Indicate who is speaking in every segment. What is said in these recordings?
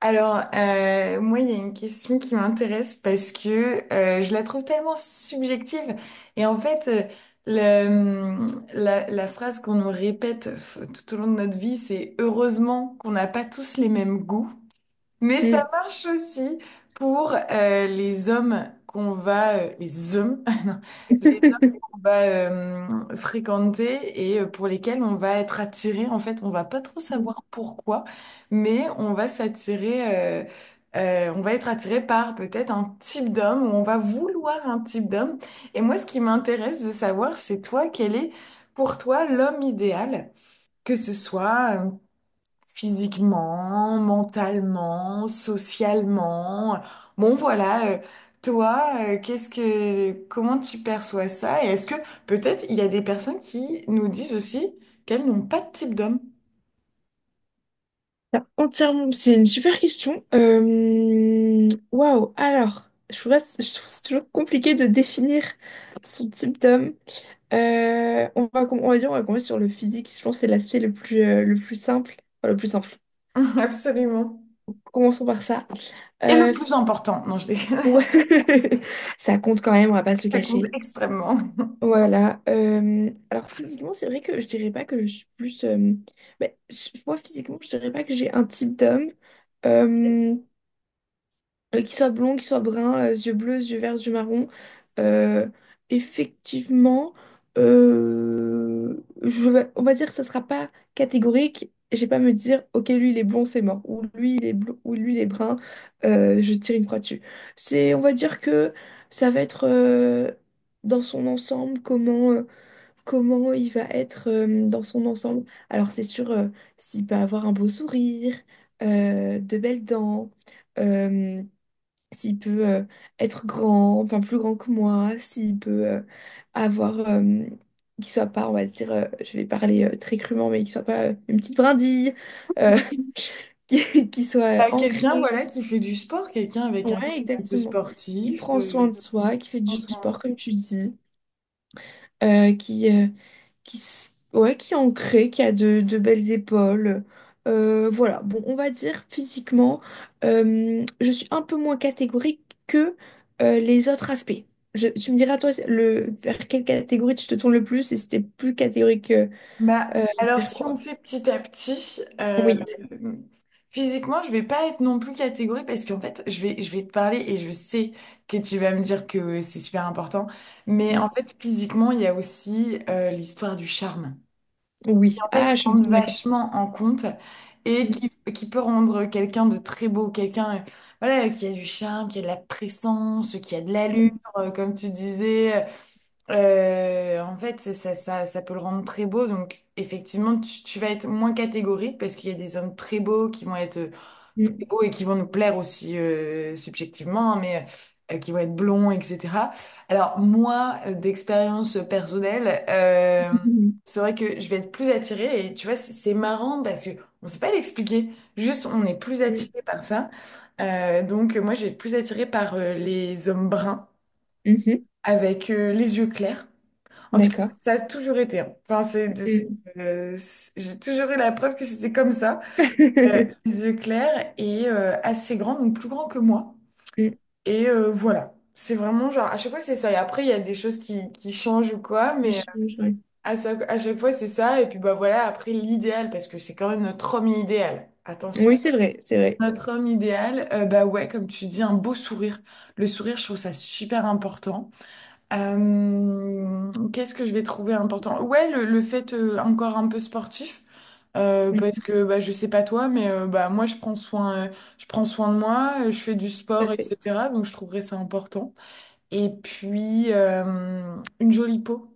Speaker 1: Moi, il y a une question qui m'intéresse parce que je la trouve tellement subjective. Et en fait, euh, le- hum, la, la phrase qu'on nous répète tout au long de notre vie, c'est heureusement qu'on n'a pas tous les mêmes goûts. Mais
Speaker 2: Mm.
Speaker 1: ça marche aussi pour les hommes non, les hommes qu'on va fréquenter et pour lesquels on va être attiré. En fait, on va pas trop savoir pourquoi, mais on va s'attirer. On va être attiré par peut-être un type d'homme ou on va vouloir un type d'homme. Et moi, ce qui m'intéresse de savoir, c'est toi, quel est pour toi l'homme idéal, que ce soit physiquement, mentalement, socialement. Bon, voilà, comment tu perçois ça? Et est-ce que peut-être il y a des personnes qui nous disent aussi qu'elles n'ont pas de type d'homme?
Speaker 2: T'as entièrement... C'est une super question. Waouh. Alors, je trouve, je trouve c'est toujours compliqué de définir son type d'homme. On va, on va dire, on va commencer sur le physique. Je pense que c'est l'aspect le plus simple. Enfin, le plus simple.
Speaker 1: Absolument.
Speaker 2: Commençons par ça.
Speaker 1: Et le
Speaker 2: Euh,
Speaker 1: plus important, non, je les
Speaker 2: ouais. Ça compte quand même, on va pas se le
Speaker 1: ça compte
Speaker 2: cacher.
Speaker 1: extrêmement.
Speaker 2: Voilà. Alors physiquement, c'est vrai que je dirais pas que je suis plus. Ben, moi, physiquement, je dirais pas que j'ai un type d'homme euh, qui soit blond, qui soit brun, yeux bleus, yeux verts, yeux marrons. Euh, effectivement, on va dire que ça sera pas catégorique. J'ai pas à me dire, ok, lui il est blond, c'est mort, ou lui il est blond, ou lui il est brun, je tire une croix dessus. C'est, on va dire que ça va être dans son ensemble comment. Comment il va être dans son ensemble. Alors c'est sûr, s'il peut avoir un beau sourire, de belles dents, euh, s'il peut être grand, enfin plus grand que moi, s'il peut avoir, qu'il soit pas, on va dire, je vais parler très crûment, mais qu'il soit pas une petite brindille, euh, qu'il soit
Speaker 1: À quelqu'un,
Speaker 2: ancré.
Speaker 1: voilà, qui fait du sport, quelqu'un avec un corps
Speaker 2: Ouais,
Speaker 1: un peu
Speaker 2: exactement. Il
Speaker 1: sportif,
Speaker 2: prend soin de soi, qui fait
Speaker 1: euh,
Speaker 2: du sport, comme tu dis, euh, qui, euh, qui, ouais, qui est ancré, qui a de belles épaules. Voilà, bon, on va dire physiquement, je suis un peu moins catégorique que les autres aspects. Tu me diras, toi, le, vers quelle catégorie tu te tournes le plus et si t'es plus catégorique
Speaker 1: bah,
Speaker 2: euh,
Speaker 1: alors
Speaker 2: vers
Speaker 1: si
Speaker 2: quoi?
Speaker 1: on fait petit à petit,
Speaker 2: Oui,
Speaker 1: physiquement, je vais pas être non plus catégorique parce qu'en fait, je vais te parler et je sais que tu vas me dire que c'est super important. Mais
Speaker 2: mm.
Speaker 1: en fait, physiquement, il y a aussi l'histoire du charme. Qui,
Speaker 2: Oui.
Speaker 1: en
Speaker 2: Ah,
Speaker 1: fait,
Speaker 2: je me
Speaker 1: rentre
Speaker 2: tourne d'accord.
Speaker 1: vachement en compte et
Speaker 2: Mm.
Speaker 1: qui peut rendre quelqu'un de très beau, quelqu'un voilà, qui a du charme, qui a de la présence, qui a de l'allure, comme tu disais. En fait, ça peut le rendre très beau. Donc, effectivement, tu vas être moins catégorique parce qu'il y a des hommes très beaux qui vont être très
Speaker 2: Mm.
Speaker 1: beaux et qui vont nous plaire aussi subjectivement, hein, mais qui vont être blonds, etc. Alors, moi, d'expérience personnelle,
Speaker 2: Mm.
Speaker 1: c'est vrai que je vais être plus attirée. Et tu vois, c'est marrant parce que on sait pas l'expliquer. Juste, on est plus
Speaker 2: Mm.
Speaker 1: attiré par ça. Donc, moi, je vais être plus attirée par les hommes bruns
Speaker 2: Mhm.
Speaker 1: avec les yeux clairs. En tout cas,
Speaker 2: D'accord.
Speaker 1: ça a toujours été, hein. Enfin, c'est de-
Speaker 2: Mm.
Speaker 1: euh, c'est- j'ai toujours eu la preuve que c'était comme ça. Euh, les yeux clairs et assez grand, donc plus grand que moi.
Speaker 2: Mm.
Speaker 1: Et voilà. C'est vraiment genre, à chaque fois, c'est ça. Et après, il y a des choses qui changent ou quoi,
Speaker 2: Qui
Speaker 1: mais
Speaker 2: change, ouais.
Speaker 1: à chaque fois, c'est ça. Et puis, bah voilà, après, l'idéal, parce que c'est quand même notre homme idéal. Attention.
Speaker 2: Oui, c'est vrai, c'est vrai.
Speaker 1: Notre homme idéal, bah ouais, comme tu dis, un beau sourire. Le sourire, je trouve ça super important. Qu'est-ce que je vais trouver important? Ouais, le fait encore un peu sportif,
Speaker 2: Mm.
Speaker 1: parce que bah, je sais pas toi, mais bah, moi je prends soin de moi, je fais du
Speaker 2: Tout à
Speaker 1: sport,
Speaker 2: fait.
Speaker 1: etc. Donc je trouverais ça important. Et puis une jolie peau,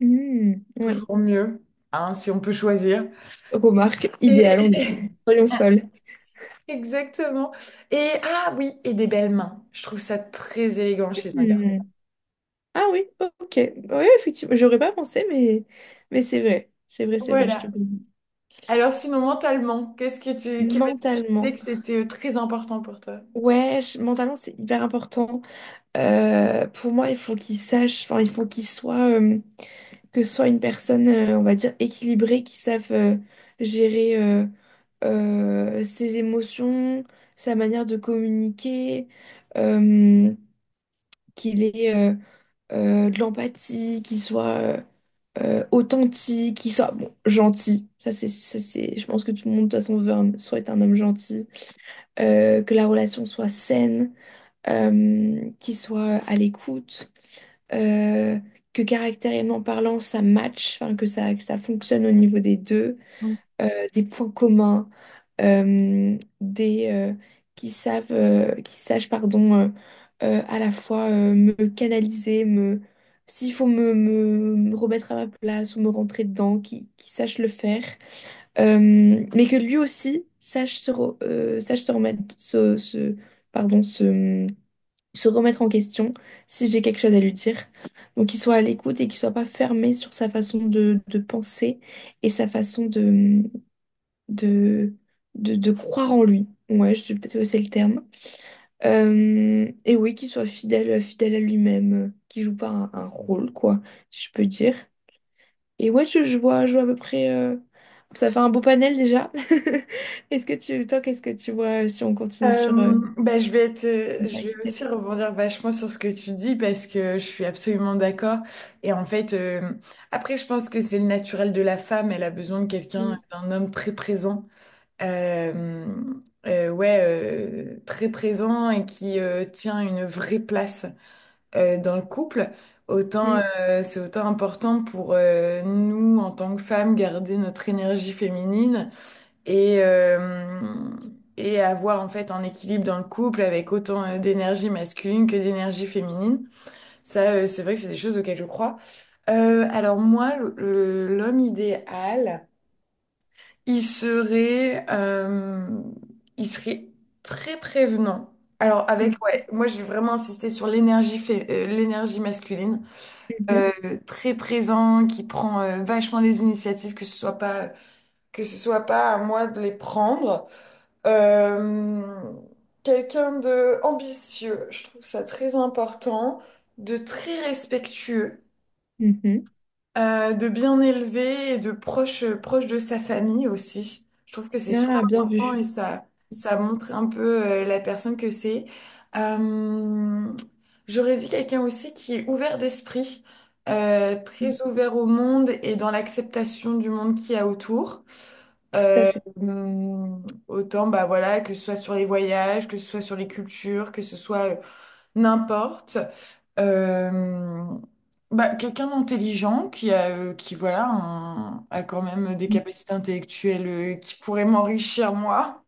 Speaker 2: Mm. Ouais.
Speaker 1: toujours mieux, hein, si on peut choisir.
Speaker 2: Remarque idéale, on a
Speaker 1: Et-
Speaker 2: dit. Soyons folles.
Speaker 1: Exactement. Et ah oui, et des belles mains. Je trouve ça très élégant chez un garçon.
Speaker 2: Hmm. Ah oui, ok. Oui, effectivement, j'aurais pas pensé, mais c'est vrai. C'est vrai, c'est vrai, je te
Speaker 1: Voilà.
Speaker 2: le dis.
Speaker 1: Alors sinon, mentalement, qu'est- ce que tu disais
Speaker 2: Mentalement.
Speaker 1: que c'était très important pour toi?
Speaker 2: Ouais, mentalement, c'est hyper important. Pour moi, il faut qu'ils sachent, enfin, il faut qu'ils soient que ce soit une personne, on va dire, équilibrée, qui sache gérer ses émotions, sa manière de communiquer, euh, qu'il est de l'empathie, qui soit authentique, qui soit bon, gentil. Ça, c'est, je pense que tout le monde, de toute façon, souhaite un homme gentil. Que la relation soit saine, qu'il soit à l'écoute, euh, que caractériellement parlant, ça match, enfin, que ça fonctionne au niveau des deux des points communs, des qui savent, qui sachent, pardon, à la fois me canaliser, me s'il faut me, me remettre à ma place ou me rentrer dedans, qui sache le faire. Euh, mais que lui aussi sache se, sache se remettre, se, pardon, se remettre en question si j'ai quelque chose à lui dire. Donc qu'il soit à l'écoute et qu'il soit pas fermé sur sa façon de penser et sa façon de, de croire en lui. Ouais, je sais peut-être que c'est le terme. Et oui, qu'il soit fidèle, fidèle à lui-même, qu'il joue pas un, un rôle, quoi, si je peux dire. Et ouais, je vois à peu près. Ça fait un beau panel déjà. Est-ce que tu, toi, qu'est-ce que tu vois si on continue
Speaker 1: Euh,
Speaker 2: sur.
Speaker 1: bah, je vais je
Speaker 2: By
Speaker 1: vais
Speaker 2: Steph.
Speaker 1: aussi rebondir vachement sur ce que tu dis parce que je suis absolument d'accord. Et en fait, je pense que c'est le naturel de la femme. Elle a besoin de quelqu'un,
Speaker 2: Mm,
Speaker 1: d'un homme très présent. Euh, ouais, très présent et qui tient une vraie place dans le couple, autant
Speaker 2: mm,
Speaker 1: c'est autant important pour nous en tant que femmes garder notre énergie féminine et et avoir en fait un équilibre dans le couple avec autant d'énergie masculine que d'énergie féminine. Ça, c'est vrai que c'est des choses auxquelles je crois. Alors moi, l'homme idéal, il serait, euh, il serait très prévenant. Alors avec, ouais, moi j'ai vraiment insisté sur l'énergie masculine,
Speaker 2: mm,
Speaker 1: euh, très présent, qui prend vachement les initiatives, que ce soit pas à moi de les prendre. Euh, Quelqu'un de ambitieux, je trouve ça très important, de très respectueux.
Speaker 2: mhm,
Speaker 1: De bien élever et de proche, proche de sa famille aussi. Je trouve que c'est
Speaker 2: mhm.
Speaker 1: super
Speaker 2: Ah, bien vu.
Speaker 1: important et ça montre un peu la personne que c'est. Euh, J'aurais dit quelqu'un aussi qui est ouvert d'esprit,
Speaker 2: Mm.
Speaker 1: très ouvert au monde et dans l'acceptation du monde qu'il y a autour.
Speaker 2: Tout à fait.
Speaker 1: Autant, bah voilà, que ce soit sur les voyages, que ce soit sur les cultures, que ce soit n'importe. Euh, bah, quelqu'un d'intelligent qui a quand même des
Speaker 2: Mm.
Speaker 1: capacités intellectuelles qui pourraient m'enrichir moi.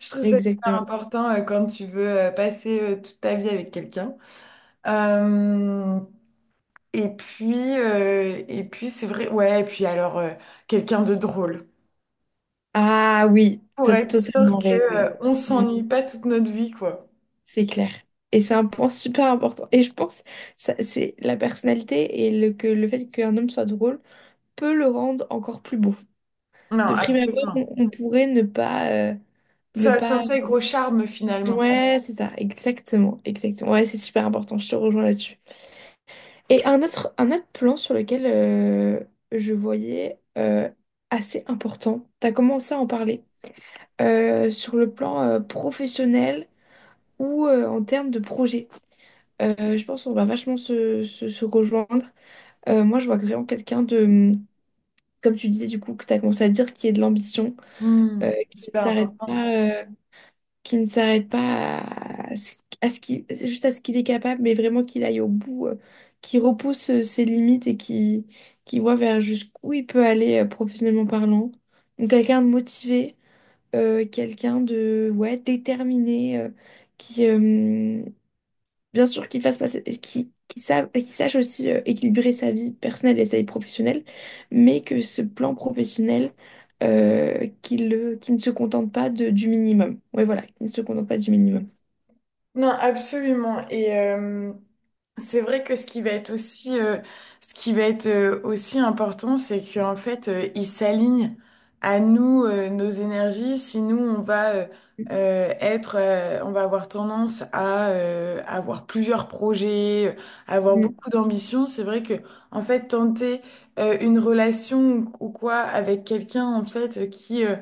Speaker 1: Je trouve ça super
Speaker 2: Exactement.
Speaker 1: important quand tu veux passer toute ta vie avec quelqu'un. Euh, et puis c'est vrai, ouais, et puis alors quelqu'un de drôle
Speaker 2: Ah oui,
Speaker 1: pour
Speaker 2: t'as
Speaker 1: être sûr
Speaker 2: totalement
Speaker 1: que
Speaker 2: raison.
Speaker 1: on
Speaker 2: Mmh.
Speaker 1: s'ennuie pas toute notre vie, quoi.
Speaker 2: C'est clair. Et c'est un point super important. Et je pense ça c'est la personnalité et le, que le fait qu'un homme soit drôle peut le rendre encore plus beau.
Speaker 1: Non,
Speaker 2: De prime abord,
Speaker 1: absolument.
Speaker 2: on pourrait ne pas, ne
Speaker 1: Ça
Speaker 2: pas...
Speaker 1: s'intègre au charme finalement.
Speaker 2: Ouais, c'est ça, exactement, exactement. Ouais, c'est super important, je te rejoins là-dessus. Et un autre plan sur lequel je voyais assez important, tu as commencé à en parler, sur le plan professionnel ou en termes de projet. Je pense qu'on va vachement se, se rejoindre. Moi, je vois vraiment quelqu'un de, comme tu disais du coup, que tu as commencé à dire, qui est de l'ambition,
Speaker 1: Hmm,
Speaker 2: qui ne
Speaker 1: super
Speaker 2: s'arrête
Speaker 1: important.
Speaker 2: pas, euh, qui ne s'arrête pas à, ce à ce qu'il, c'est juste à ce qu'il est capable, mais vraiment qu'il aille au bout, qui repousse ses limites et qui voit vers jusqu'où il peut aller professionnellement parlant. Donc quelqu'un de motivé, quelqu'un de ouais, déterminé, qui, bien sûr, qu'il fasse passer, qu'il qu'il sache aussi équilibrer sa vie personnelle et sa vie professionnelle, mais que ce plan professionnel, qu'il ne se contente pas du minimum. Oui, voilà, qu'il ne se contente pas du minimum.
Speaker 1: Non, absolument. Et c'est vrai que ce qui va être aussi important, c'est qu'en fait, ils s'alignent à nous, nos énergies. Si nous, on va
Speaker 2: Mm,
Speaker 1: on va avoir tendance à avoir plusieurs projets, avoir
Speaker 2: mm.
Speaker 1: beaucoup d'ambition. C'est vrai que, en fait, tenter une relation ou quoi avec quelqu'un, en fait,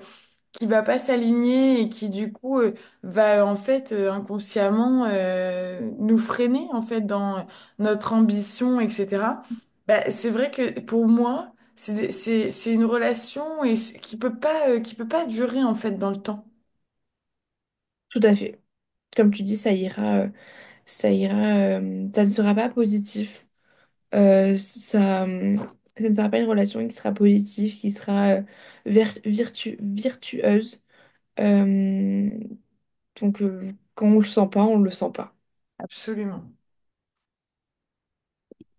Speaker 1: qui va pas s'aligner et qui du coup va en fait inconsciemment nous freiner en fait dans notre ambition, etc. Bah, c'est vrai que pour moi, c'est une relation qui peut pas durer en fait dans le temps.
Speaker 2: Tout à fait. Comme tu dis, ça ira, ça ira, ça ne sera pas positif. Ça, ça ne sera pas une relation qui sera positive, qui sera virtueuse. Euh, mm, donc, quand on le sent pas, on le sent pas.
Speaker 1: Absolument.